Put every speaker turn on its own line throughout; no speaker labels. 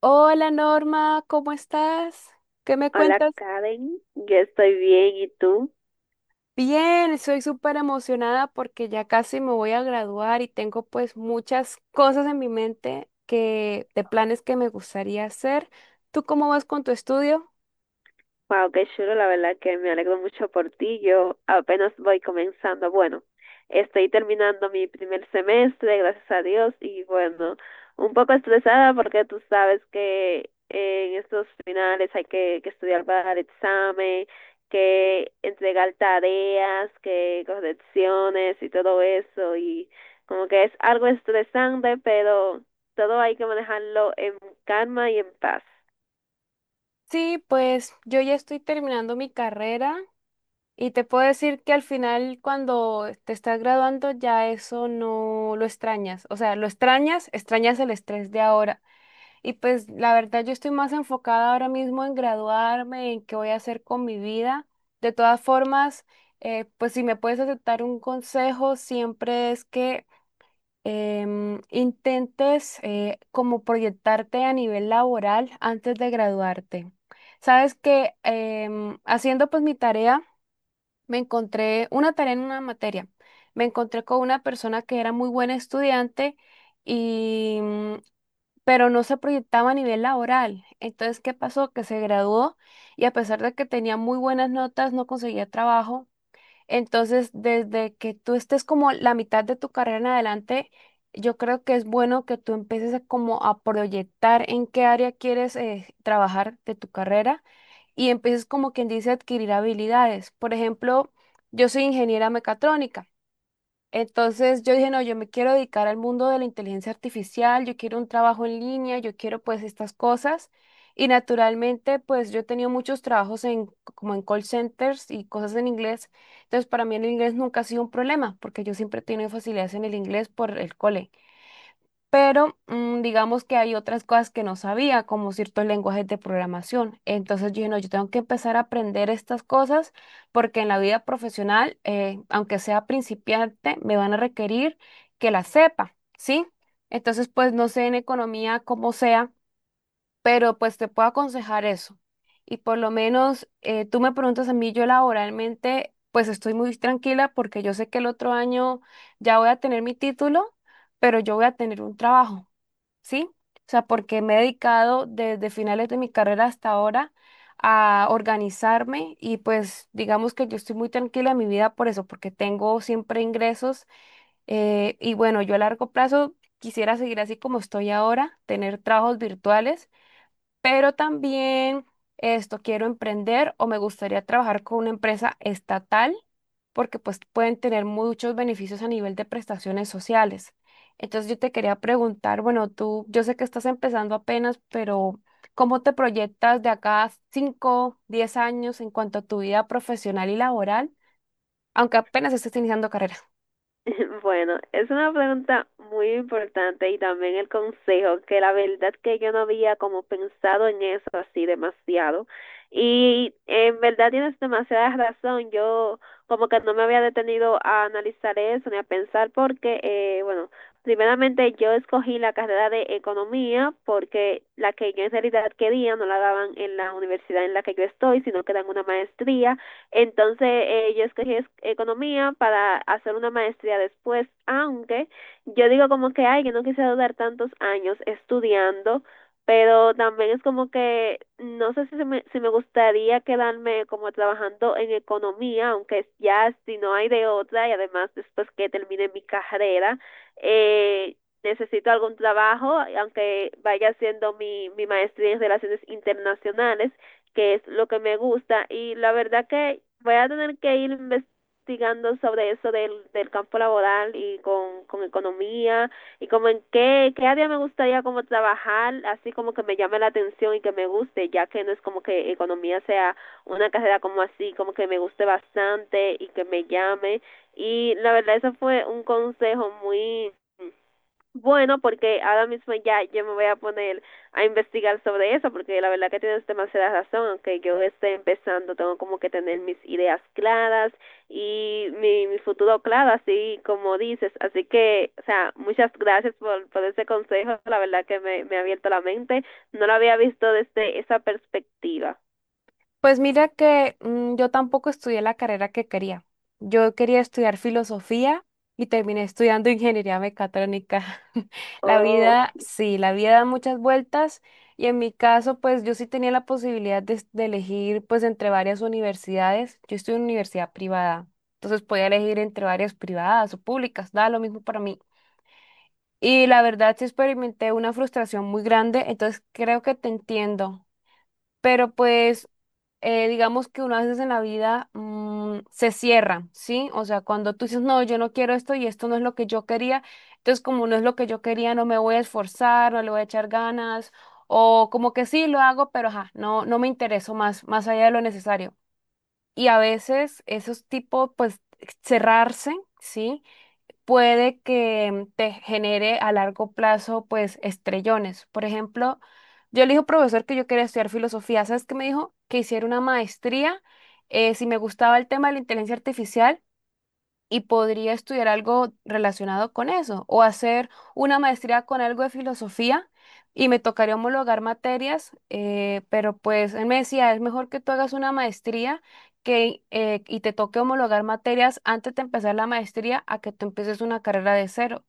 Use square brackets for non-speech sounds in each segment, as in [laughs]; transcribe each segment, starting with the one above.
Hola Norma, ¿cómo estás? ¿Qué me
Hola
cuentas?
Karen, yo estoy bien, ¿y tú?
Bien, estoy súper emocionada porque ya casi me voy a graduar y tengo pues muchas cosas en mi mente que de planes que me gustaría hacer. ¿Tú cómo vas con tu estudio?
Wow, qué chulo, la verdad que me alegro mucho por ti. Yo apenas voy comenzando. Bueno, estoy terminando mi primer semestre, gracias a Dios, y bueno, un poco estresada porque tú sabes que en estos finales hay que estudiar para el examen, que entregar tareas, que correcciones y todo eso, y como que es algo estresante, pero todo hay que manejarlo en calma y en paz.
Sí, pues yo ya estoy terminando mi carrera y te puedo decir que al final cuando te estás graduando ya eso no lo extrañas. O sea, lo extrañas, extrañas el estrés de ahora. Y pues la verdad yo estoy más enfocada ahora mismo en graduarme, en qué voy a hacer con mi vida. De todas formas, pues si me puedes aceptar un consejo, siempre es que intentes como proyectarte a nivel laboral antes de graduarte. Sabes que haciendo pues mi tarea, me encontré una tarea en una materia. Me encontré con una persona que era muy buena estudiante. Y pero no se proyectaba a nivel laboral. Entonces, ¿qué pasó? Que se graduó y a pesar de que tenía muy buenas notas, no conseguía trabajo. Entonces, desde que tú estés como la mitad de tu carrera en adelante, yo creo que es bueno que tú empieces a como a proyectar en qué área quieres trabajar de tu carrera y empieces como quien dice a adquirir habilidades. Por ejemplo, yo soy ingeniera mecatrónica. Entonces yo dije, no, yo me quiero dedicar al mundo de la inteligencia artificial, yo quiero un trabajo en línea, yo quiero pues estas cosas. Y naturalmente pues yo he tenido muchos trabajos como en call centers y cosas en inglés. Entonces para mí el inglés nunca ha sido un problema porque yo siempre he tenido facilidades en el inglés por el cole pero digamos que hay otras cosas que no sabía, como ciertos lenguajes de programación. Entonces yo dije, no, yo tengo que empezar a aprender estas cosas porque en la vida profesional, aunque sea principiante, me van a requerir que las sepa, ¿sí? Entonces, pues no sé en economía cómo sea, pero pues te puedo aconsejar eso. Y por lo menos tú me preguntas a mí, yo laboralmente, pues estoy muy tranquila porque yo sé que el otro año ya voy a tener mi título, pero yo voy a tener un trabajo. ¿Sí? O sea, porque me he dedicado desde finales de mi carrera hasta ahora a organizarme y pues digamos que yo estoy muy tranquila en mi vida por eso, porque tengo siempre ingresos y bueno, yo a largo plazo quisiera seguir así como estoy ahora, tener trabajos virtuales pero también esto quiero emprender o me gustaría trabajar con una empresa estatal porque pues pueden tener muchos beneficios a nivel de prestaciones sociales. Entonces yo te quería preguntar, bueno, tú, yo sé que estás empezando apenas, pero ¿cómo te proyectas de acá a 5, 10 años en cuanto a tu vida profesional y laboral, aunque apenas estés iniciando carrera?
[laughs] Bueno, es una pregunta muy importante y también el consejo, que la verdad que yo no había como pensado en eso así demasiado. Y en verdad tienes demasiada razón, yo como que no me había detenido a analizar eso ni a pensar porque, bueno, primeramente yo escogí la carrera de economía porque la que yo en realidad quería no la daban en la universidad en la que yo estoy, sino que dan una maestría. Entonces yo escogí economía para hacer una maestría después, aunque yo digo como que, ay, que no quise durar tantos años estudiando, pero también es como que no sé si se me, si me gustaría quedarme como trabajando en economía, aunque ya si no hay de otra y además después que termine mi carrera, eh, necesito algún trabajo, aunque vaya haciendo mi maestría en relaciones internacionales que es lo que me gusta y la verdad que voy a tener que ir investigando sobre eso del campo laboral y con economía y como en qué área me gustaría como trabajar, así como que me llame la atención y que me guste, ya que no es como que economía sea una carrera como así, como que me guste bastante y que me llame y la verdad eso fue un consejo muy bueno, porque ahora mismo ya yo me voy a poner a investigar sobre eso, porque la verdad que tienes demasiada razón, aunque yo esté empezando, tengo como que tener mis ideas claras y mi futuro claro, así como dices. Así que, o sea, muchas gracias por ese consejo, la verdad que me ha abierto la mente, no lo había visto desde esa perspectiva.
Pues mira que yo tampoco estudié la carrera que quería. Yo quería estudiar filosofía y terminé estudiando ingeniería mecatrónica. [laughs] La
Oh,
vida, sí, la vida da muchas vueltas y en mi caso, pues yo sí tenía la posibilidad de elegir pues entre varias universidades. Yo estudié en una universidad privada, entonces podía elegir entre varias privadas o públicas, da lo mismo para mí. Y la verdad sí experimenté una frustración muy grande, entonces creo que te entiendo pero pues digamos que unas veces en la vida se cierra, ¿sí? O sea, cuando tú dices, no, yo no quiero esto y esto no es lo que yo quería, entonces como no es lo que yo quería, no me voy a esforzar, no le voy a echar ganas, o como que sí lo hago, pero ajá, no, no me intereso más allá de lo necesario. Y a veces esos tipos, pues cerrarse, ¿sí? Puede que te genere a largo plazo, pues, estrellones. Por ejemplo, yo le dije al profesor que yo quería estudiar filosofía. ¿Sabes qué me dijo? Que hiciera una maestría, si me gustaba el tema de la inteligencia artificial y podría estudiar algo relacionado con eso o hacer una maestría con algo de filosofía y me tocaría homologar materias, pero pues él me decía, es mejor que tú hagas una maestría que, y te toque homologar materias antes de empezar la maestría a que tú empieces una carrera de cero.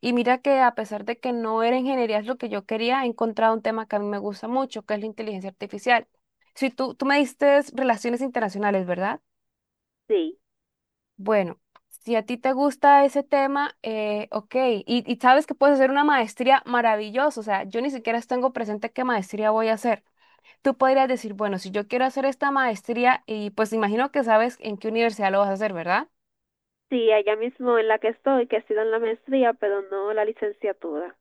Y mira que a pesar de que no era ingeniería es lo que yo quería, he encontrado un tema que a mí me gusta mucho, que es la inteligencia artificial. Si tú me diste relaciones internacionales, ¿verdad?
sí,
Bueno, si a ti te gusta ese tema, ok, y sabes que puedes hacer una maestría maravillosa, o sea, yo ni siquiera tengo presente qué maestría voy a hacer. Tú podrías decir, bueno, si yo quiero hacer esta maestría, y pues imagino que sabes en qué universidad lo vas a hacer, ¿verdad?
sí, allá mismo en la que estoy, que ha sido en la maestría, pero no la licenciatura.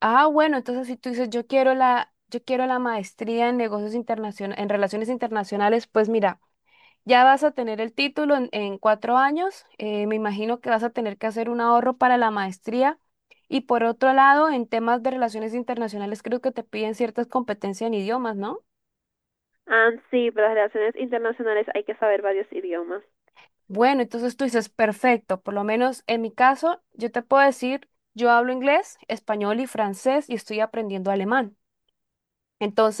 Ah, bueno, entonces si tú dices, yo quiero la maestría en negocios internacionales, en relaciones internacionales, pues mira. Ya vas a tener el título en 4 años. Me imagino que vas a tener que hacer un ahorro para la maestría. Y por otro lado, en temas de relaciones internacionales, creo que te piden ciertas competencias en idiomas, ¿no?
Ah, sí, para las relaciones internacionales hay que saber varios idiomas.
Bueno, entonces tú dices, perfecto. Por lo menos en mi caso, yo te puedo decir, yo hablo inglés, español y francés y estoy aprendiendo alemán.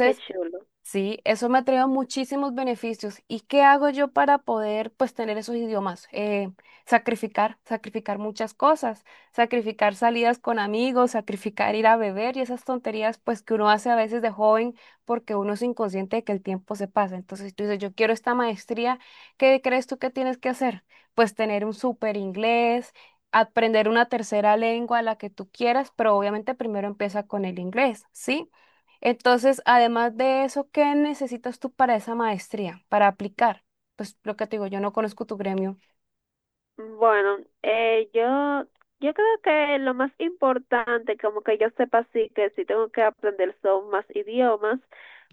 Qué chulo.
sí, eso me ha traído muchísimos beneficios. ¿Y qué hago yo para poder, pues, tener esos idiomas? Sacrificar, sacrificar muchas cosas, sacrificar salidas con amigos, sacrificar ir a beber y esas tonterías, pues, que uno hace a veces de joven porque uno es inconsciente de que el tiempo se pasa. Entonces tú dices, yo quiero esta maestría, ¿qué crees tú que tienes que hacer? Pues tener un súper inglés. Aprender una tercera lengua, la que tú quieras, pero obviamente primero empieza con el inglés, ¿sí? Entonces, además de eso, ¿qué necesitas tú para esa maestría, para aplicar? Pues lo que te digo, yo no conozco tu gremio.
Bueno, yo creo que lo más importante, como que yo sepa sí que sí tengo que aprender son más idiomas,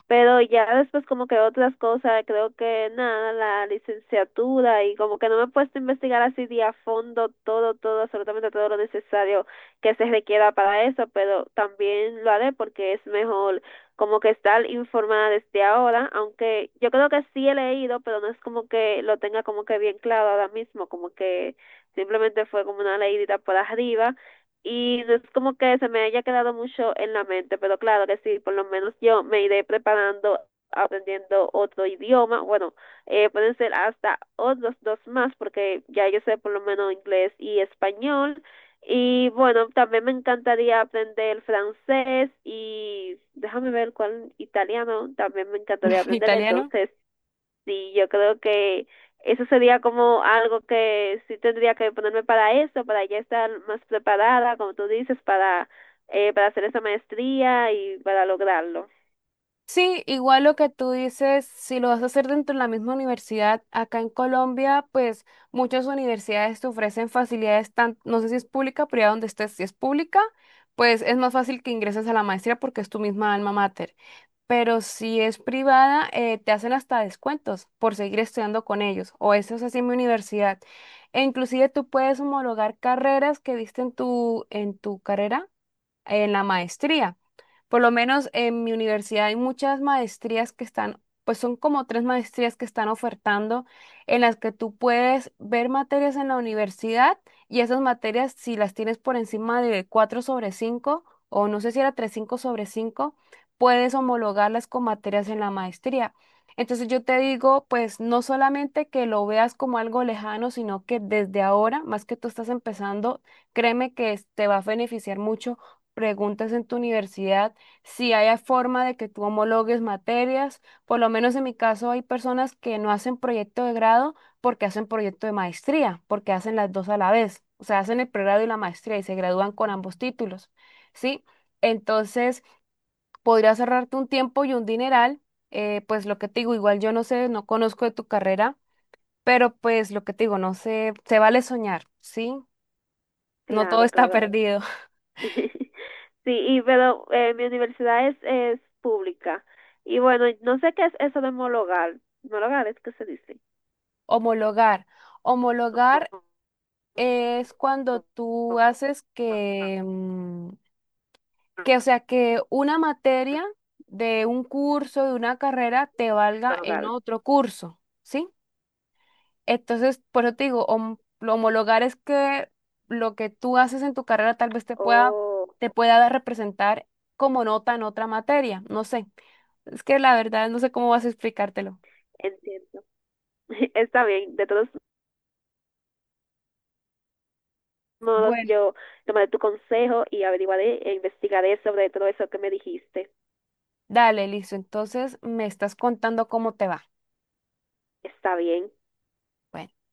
pero ya después como que otras cosas, creo que nada, la licenciatura y como que no me he puesto a investigar así de a fondo todo, todo, absolutamente todo lo necesario que se requiera para eso, pero también lo haré porque es mejor como que estar informada desde ahora, aunque yo creo que sí he leído, pero no es como que lo tenga como que bien claro ahora mismo, como que simplemente fue como una leidita por arriba y no es como que se me haya quedado mucho en la mente, pero claro que sí, por lo menos yo me iré preparando aprendiendo otro idioma, bueno, pueden ser hasta otros dos más, porque ya yo sé por lo menos inglés y español, y bueno, también me encantaría aprender francés y déjame ver cuál italiano también me encantaría
[laughs]
aprender.
Italiano.
Entonces, sí, yo creo que eso sería como algo que sí tendría que ponerme para eso, para ya estar más preparada, como tú dices, para hacer esa maestría y para lograrlo.
Sí, igual lo que tú dices, si lo vas a hacer dentro de la misma universidad, acá en Colombia, pues muchas universidades te ofrecen facilidades, tan, no sé si es pública, pero ya donde estés, si es pública, pues es más fácil que ingreses a la maestría porque es tu misma alma mater. Pero si es privada, te hacen hasta descuentos por seguir estudiando con ellos. O eso es así en mi universidad. E inclusive tú puedes homologar carreras que diste en tu carrera en la maestría. Por lo menos en mi universidad hay muchas maestrías que están, pues son como tres maestrías que están ofertando en las que tú puedes ver materias en la universidad y esas materias si las tienes por encima de 4 sobre 5 o no sé si era tres punto cinco sobre 5 puedes homologarlas con materias en la maestría. Entonces yo te digo, pues no solamente que lo veas como algo lejano, sino que desde ahora, más que tú estás empezando, créeme que te va a beneficiar mucho preguntas en tu universidad si hay forma de que tú homologues materias. Por lo menos en mi caso hay personas que no hacen proyecto de grado porque hacen proyecto de maestría, porque hacen las dos a la vez. O sea, hacen el pregrado y la maestría y se gradúan con ambos títulos, ¿sí? Entonces, podría ahorrarte un tiempo y un dineral. Pues lo que te digo, igual yo no sé, no conozco de tu carrera, pero pues lo que te digo, no sé, se vale soñar, ¿sí? No todo
Claro,
está
claro.
perdido. [laughs]
[laughs] Sí, y pero mi universidad es pública. Y bueno, no sé qué es eso de homologar. Homologar es que se dice.
Homologar. Homologar es cuando tú haces que, o sea, que una materia de un curso, de una carrera, te valga en otro curso, ¿sí? Entonces, por eso te digo, lo homologar es que lo que tú haces en tu carrera tal vez
Oh,
te pueda representar como nota en otra materia, no sé. Es que la verdad no sé cómo vas a explicártelo.
entiendo. [laughs] Está bien. De todos modos,
Bueno,
yo tomaré tu consejo y averiguaré e investigaré sobre todo eso que me dijiste.
dale, listo. Entonces, me estás contando cómo te va.
Está bien.
Bueno.